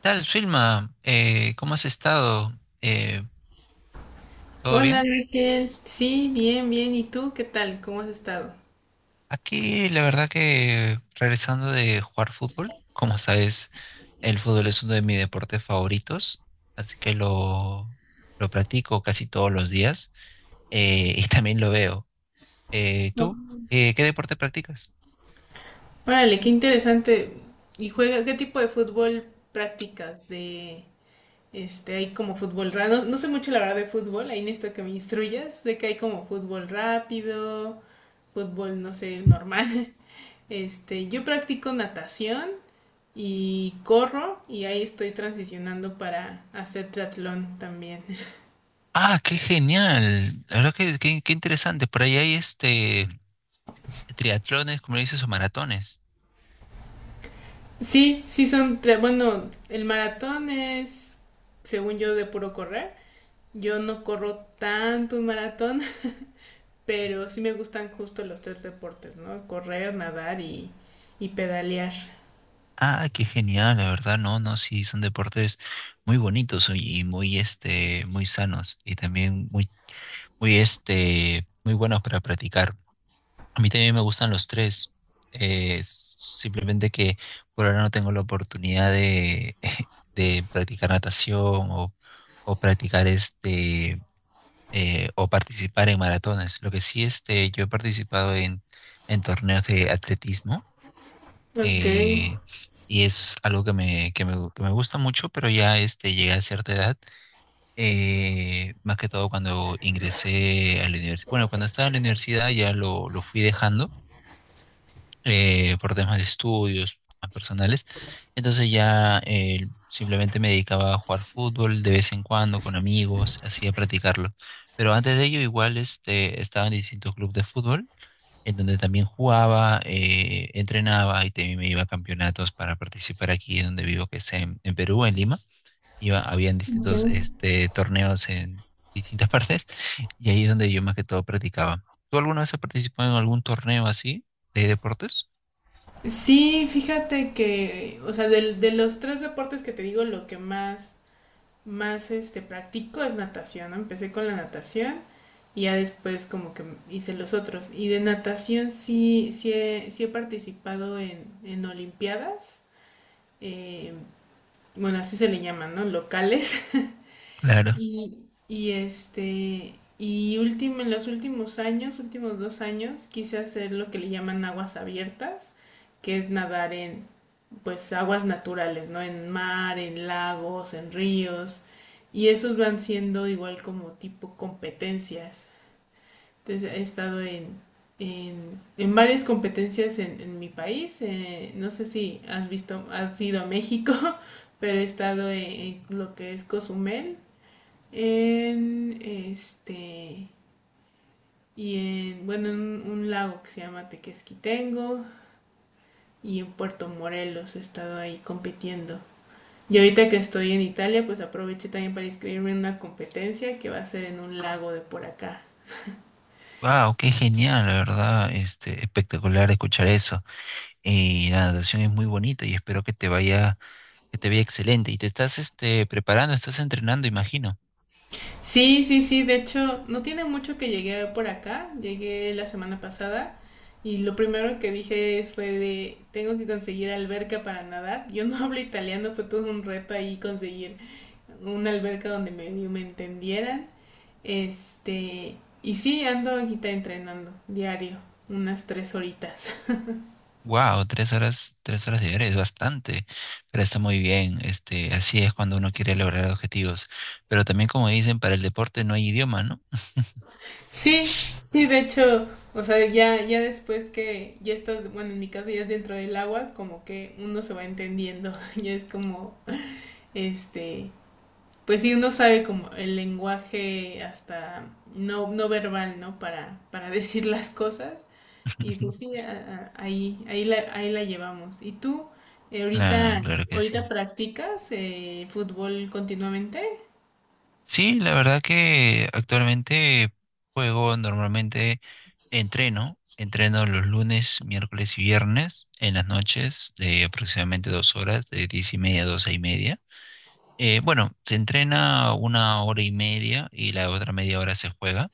Tal, Filma, ¿cómo has estado? Eh, ¿Todo Hola, bien? Graciel. Sí, bien, bien. ¿Y tú qué tal? ¿Cómo has estado? Aquí la verdad que regresando de jugar fútbol, como sabes, el fútbol es uno de mis deportes favoritos, así que lo practico casi todos los días y también lo veo. ¿Tú? ¿Qué deporte practicas? Órale, qué interesante. ¿Y juega qué tipo de fútbol practicas? De hay como fútbol rápido. No, no sé mucho la verdad de fútbol, ahí necesito que me instruyas. Sé que hay como fútbol rápido, fútbol, no sé, normal. Yo practico natación y corro y ahí estoy transicionando para hacer triatlón también. Ah, qué genial. La verdad que qué, interesante. Por ahí hay triatlones, como le dices, o maratones. Sí, sí son tres. Bueno, el maratón es, según yo, de puro correr. Yo no corro tanto un maratón, pero sí me gustan justo los tres deportes, ¿no? Correr, nadar y pedalear. Ah, qué genial, la verdad, no, no, sí, son deportes muy bonitos y muy, muy sanos y también muy, muy, muy buenos para practicar. A mí también me gustan los tres, simplemente que por ahora no tengo la oportunidad de, de practicar natación o, o practicar o participar en maratones. Lo que sí, yo he participado en torneos de atletismo Ok, eh, y es algo que me gusta mucho, pero ya llegué a cierta edad, más que todo cuando ingresé a la universidad, bueno, cuando estaba en la universidad ya lo fui dejando por temas de estudios temas personales, entonces ya simplemente me dedicaba a jugar fútbol de vez en cuando con amigos, así a practicarlo. Pero antes de ello igual estaba en distintos clubes de fútbol en donde también jugaba, entrenaba y también me iba a campeonatos para participar aquí donde vivo, que es en Perú, en Lima. Iba, habían ya. distintos torneos en distintas partes y ahí es donde yo más que todo practicaba. ¿Tú alguna vez has participado en algún torneo así de deportes? Sí, fíjate que, o sea, los tres deportes que te digo, lo que más practico es natación, ¿no? Empecé con la natación y ya después como que hice los otros. Y de natación sí, sí he participado en Olimpiadas, eh, bueno, así se le llaman, ¿no? Locales. Claro. Y y último, en los últimos años, últimos dos años, quise hacer lo que le llaman aguas abiertas, que es nadar en, pues aguas naturales, ¿no? En mar, en lagos, en ríos. Y esos van siendo igual como tipo competencias. Entonces he estado en varias competencias en mi país. No sé si has visto, has ido a México, pero he estado en lo que es Cozumel, en este, y en, bueno, en un lago que se llama Tequesquitengo y en Puerto Morelos he estado ahí compitiendo. Y ahorita que estoy en Italia, pues aproveché también para inscribirme en una competencia que va a ser en un lago de por acá. Wow, qué genial, la verdad, espectacular escuchar eso. Y la natación es muy bonita y espero que te vaya excelente. Y te estás, preparando, estás entrenando, imagino. Sí, sí, sí, de hecho, no tiene mucho que llegué por acá, llegué la semana pasada y lo primero que dije fue de, tengo que conseguir alberca para nadar. Yo no hablo italiano, fue todo un reto ahí conseguir una alberca donde me entendieran. Este, y sí, ando aquí entrenando diario, unas tres horitas. Wow, tres horas diarias es bastante, pero está muy bien. Así es cuando uno quiere lograr objetivos. Pero también, como dicen, para el deporte no hay idioma, ¿no? Sí, sí, de hecho, o sea, ya, ya después que ya estás, bueno, en mi caso ya es dentro del agua, como que uno se va entendiendo, ya es como, este, pues sí, uno sabe como el lenguaje hasta no, no verbal, ¿no? Para decir las cosas. Y pues sí, ahí, ahí la llevamos. ¿Y tú Claro, ahorita, claro que ahorita sí. practicas fútbol continuamente? Sí, la verdad que actualmente juego normalmente, entreno los lunes, miércoles y viernes en las noches de aproximadamente 2 horas, de 10:30 a 12:30. Bueno, se entrena una hora y media y la otra media hora se juega.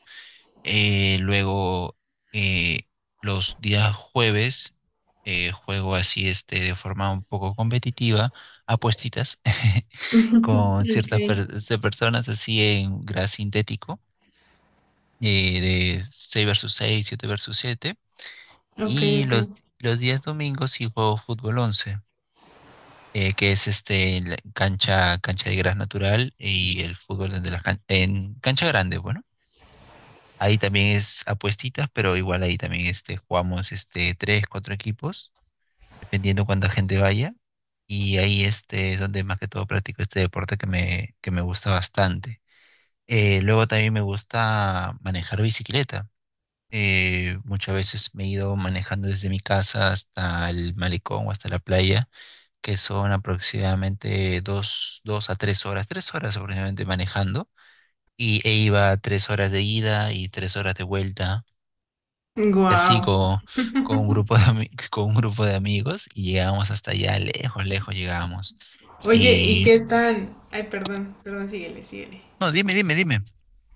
Luego, eh, los días jueves, juego así de forma un poco competitiva, apuestitas con Ok, ciertas personas así en gras sintético, de 6 versus 6 7 versus 7. ok, Y ok. los días domingos sí juego fútbol 11 que es en la cancha de gras natural y el fútbol en cancha grande, bueno. Ahí también es apuestitas, pero igual ahí también jugamos tres, cuatro equipos, dependiendo cuánta gente vaya. Y ahí es donde más que todo practico este deporte que me gusta bastante. Luego también me gusta manejar bicicleta. Muchas veces me he ido manejando desde mi casa hasta el malecón o hasta la playa, que son aproximadamente dos a tres horas, 3 horas aproximadamente manejando. Y iba 3 horas de ida y 3 horas de vuelta. Y así Wow. con un grupo con un grupo de amigos y llegábamos hasta allá, lejos, lejos llegábamos. Oye, ¿y Y qué tan... Ay, perdón, perdón, síguele, síguele. no, dime, dime, dime.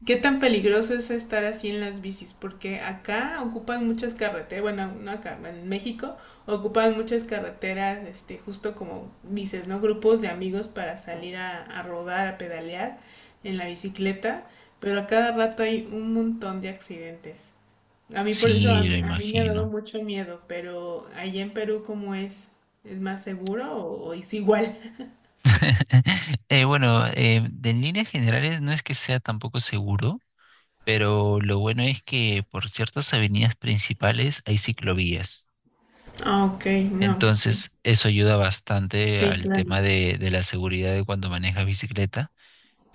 ¿Qué tan peligroso es estar así en las bicis? Porque acá ocupan muchas carreteras, bueno, no acá, en México ocupan muchas carreteras, justo como dices, ¿no? Grupos de amigos para salir a rodar, a pedalear en la bicicleta, pero a cada rato hay un montón de accidentes. A mí por eso, Sí, lo a mí me ha dado imagino. mucho miedo, pero allá en Perú, ¿cómo es? ¿Es más seguro o es igual? Bueno, de en líneas generales no es que sea tampoco seguro, pero lo bueno es que por ciertas avenidas principales hay ciclovías. Ah, ok, no. Entonces, eso ayuda bastante Sí, al claro. tema de la seguridad de cuando manejas bicicleta,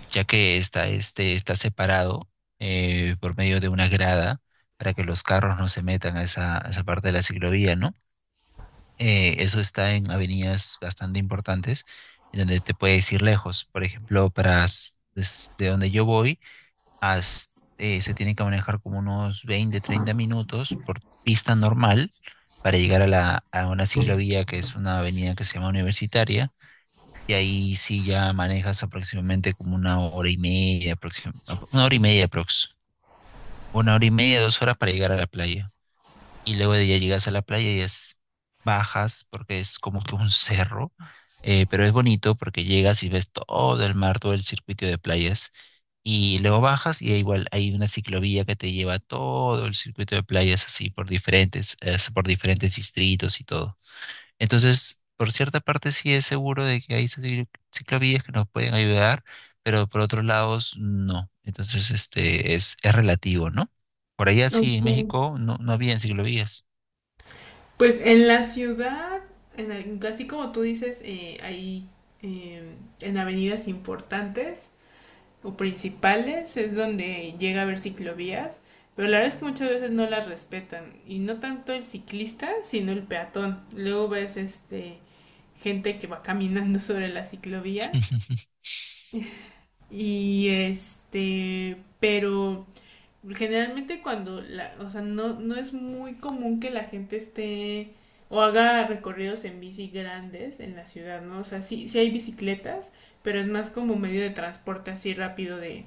ya que está separado por medio de una grada para que los carros no se metan a esa parte de la ciclovía, ¿no? Eso está en avenidas bastante importantes, en donde te puedes ir lejos. Por ejemplo, desde donde yo voy, hasta, se tienen que manejar como unos 20 30 minutos por pista normal para llegar a una ciclovía que es una avenida que se llama Universitaria. Y ahí sí ya manejas aproximadamente como una hora y media, una hora y media aprox, una hora y media, 2 horas para llegar a la playa. Y luego de ya llegas a la playa bajas porque es como que un cerro, pero es bonito porque llegas y ves todo el mar, todo el circuito de playas. Y luego bajas y igual hay una ciclovía que te lleva todo el circuito de playas así por diferentes distritos y todo. Entonces, por cierta parte sí es seguro de que hay esas ciclovías que nos pueden ayudar, pero por otros lados no. Entonces, este es relativo, ¿no? Por allá sí, Ok. en México no, no había ciclovías. Pues en la ciudad, en así como tú dices, hay eh, en avenidas importantes o principales es donde llega a haber ciclovías, pero la verdad es que muchas veces no las respetan y no tanto el ciclista, sino el peatón. Luego ves gente que va caminando sobre la ciclovía y pero generalmente cuando la, o sea, no, no es muy común que la gente esté o haga recorridos en bici grandes en la ciudad, ¿no? O sea, sí, sí hay bicicletas, pero es más como medio de transporte así rápido de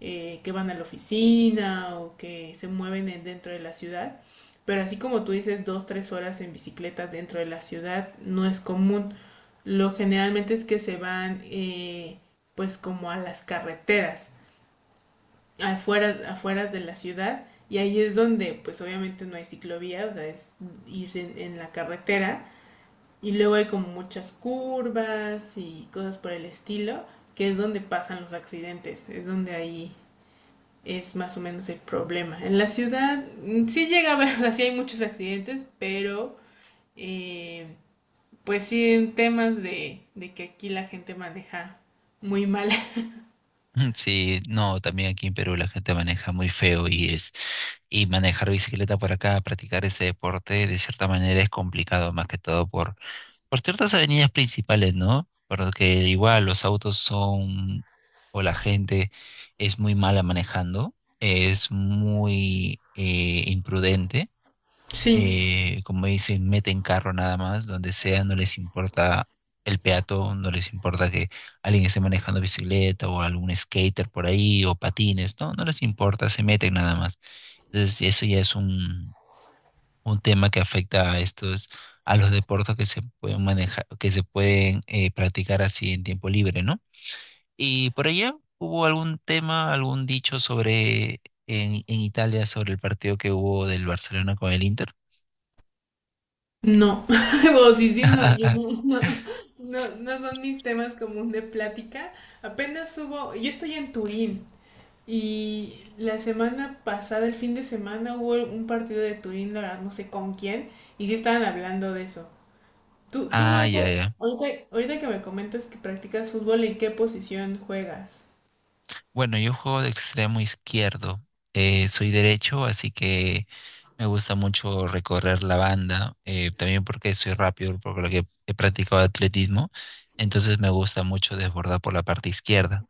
que van a la oficina o que se mueven dentro de la ciudad. Pero así como tú dices, dos, tres horas en bicicleta dentro de la ciudad no es común. Lo generalmente es que se van pues como a las carreteras afuera, afuera de la ciudad y ahí es donde pues obviamente no hay ciclovía, o sea, es ir en la carretera y luego hay como muchas curvas y cosas por el estilo, que es donde pasan los accidentes, es donde ahí es más o menos el problema. En la ciudad sí llega a haber, o sea, sí hay muchos accidentes, pero eh, pues sí en temas de que aquí la gente maneja muy mal. Sí, no, también aquí en Perú la gente maneja muy feo y manejar bicicleta por acá, practicar ese deporte, de cierta manera es complicado, más que todo por ciertas avenidas principales, ¿no? Porque igual los autos son, o la gente es muy mala manejando, es muy imprudente, Sí, como dicen, meten carro nada más, donde sea, no les importa el peatón, no les importa que alguien esté manejando bicicleta o algún skater por ahí o patines, no, no les importa, se meten nada más. Entonces eso ya es un tema que afecta a estos, a los deportes que se pueden manejar, que se pueden practicar así en tiempo libre, ¿no? Y por allá hubo algún tema, algún dicho sobre en Italia sobre el partido que hubo del Barcelona con el Inter. no, o sí, sí, no, yo no, no, no, no son mis temas común de plática. Apenas hubo, yo estoy en Turín y la semana pasada, el fin de semana, hubo un partido de Turín, la verdad, no sé con quién, y sí estaban hablando de eso. Tú, tú Ah, ahorita, ya, ya. ahorita, ahorita que me comentas que practicas fútbol, ¿en qué posición juegas? Bueno, yo juego de extremo izquierdo. Soy derecho, así que me gusta mucho recorrer la banda. También porque soy rápido, por lo que he practicado atletismo. Entonces me gusta mucho desbordar por la parte izquierda.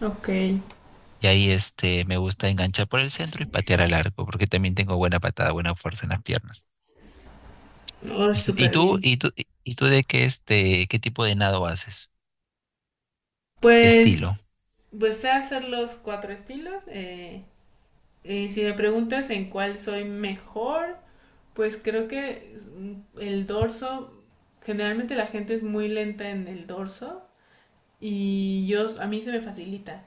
Ok, Y ahí me gusta enganchar por el centro y patear al arco, porque también tengo buena patada, buena fuerza en las piernas. oh, ¿Y súper tú, bien. y tú, y tú de qué tipo de nado haces? ¿Qué estilo? Pues, pues sé hacer los cuatro estilos. Eh, si me preguntas en cuál soy mejor, pues creo que el dorso, generalmente la gente es muy lenta en el dorso y yo, a mí se me facilita.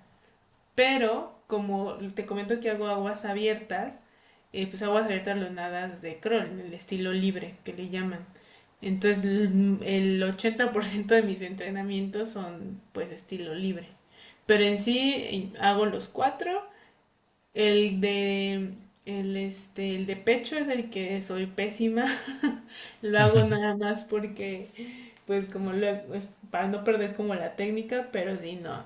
Pero como te comento que hago aguas abiertas, pues aguas abiertas los nadas de crawl, en el estilo libre que le llaman. Entonces el 80% de mis entrenamientos son pues estilo libre. Pero en sí hago los cuatro el de, el, el de pecho es el que soy pésima. Lo hago nada más porque, pues como lo, es para no perder como la técnica, pero sí, no.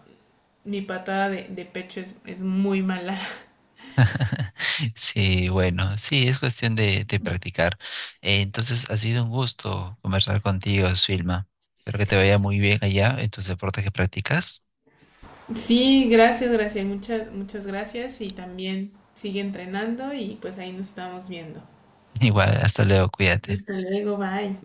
Mi patada de pecho es muy mala. Sí, bueno, sí, es cuestión de practicar. Entonces, ha sido un gusto conversar contigo, Silma. Espero que te vaya muy bien allá en tus deportes que practicas. Sí, gracias, gracias, muchas, muchas gracias y también sigue entrenando y pues ahí nos estamos viendo. Igual, hasta luego, cuídate. Hasta luego, bye.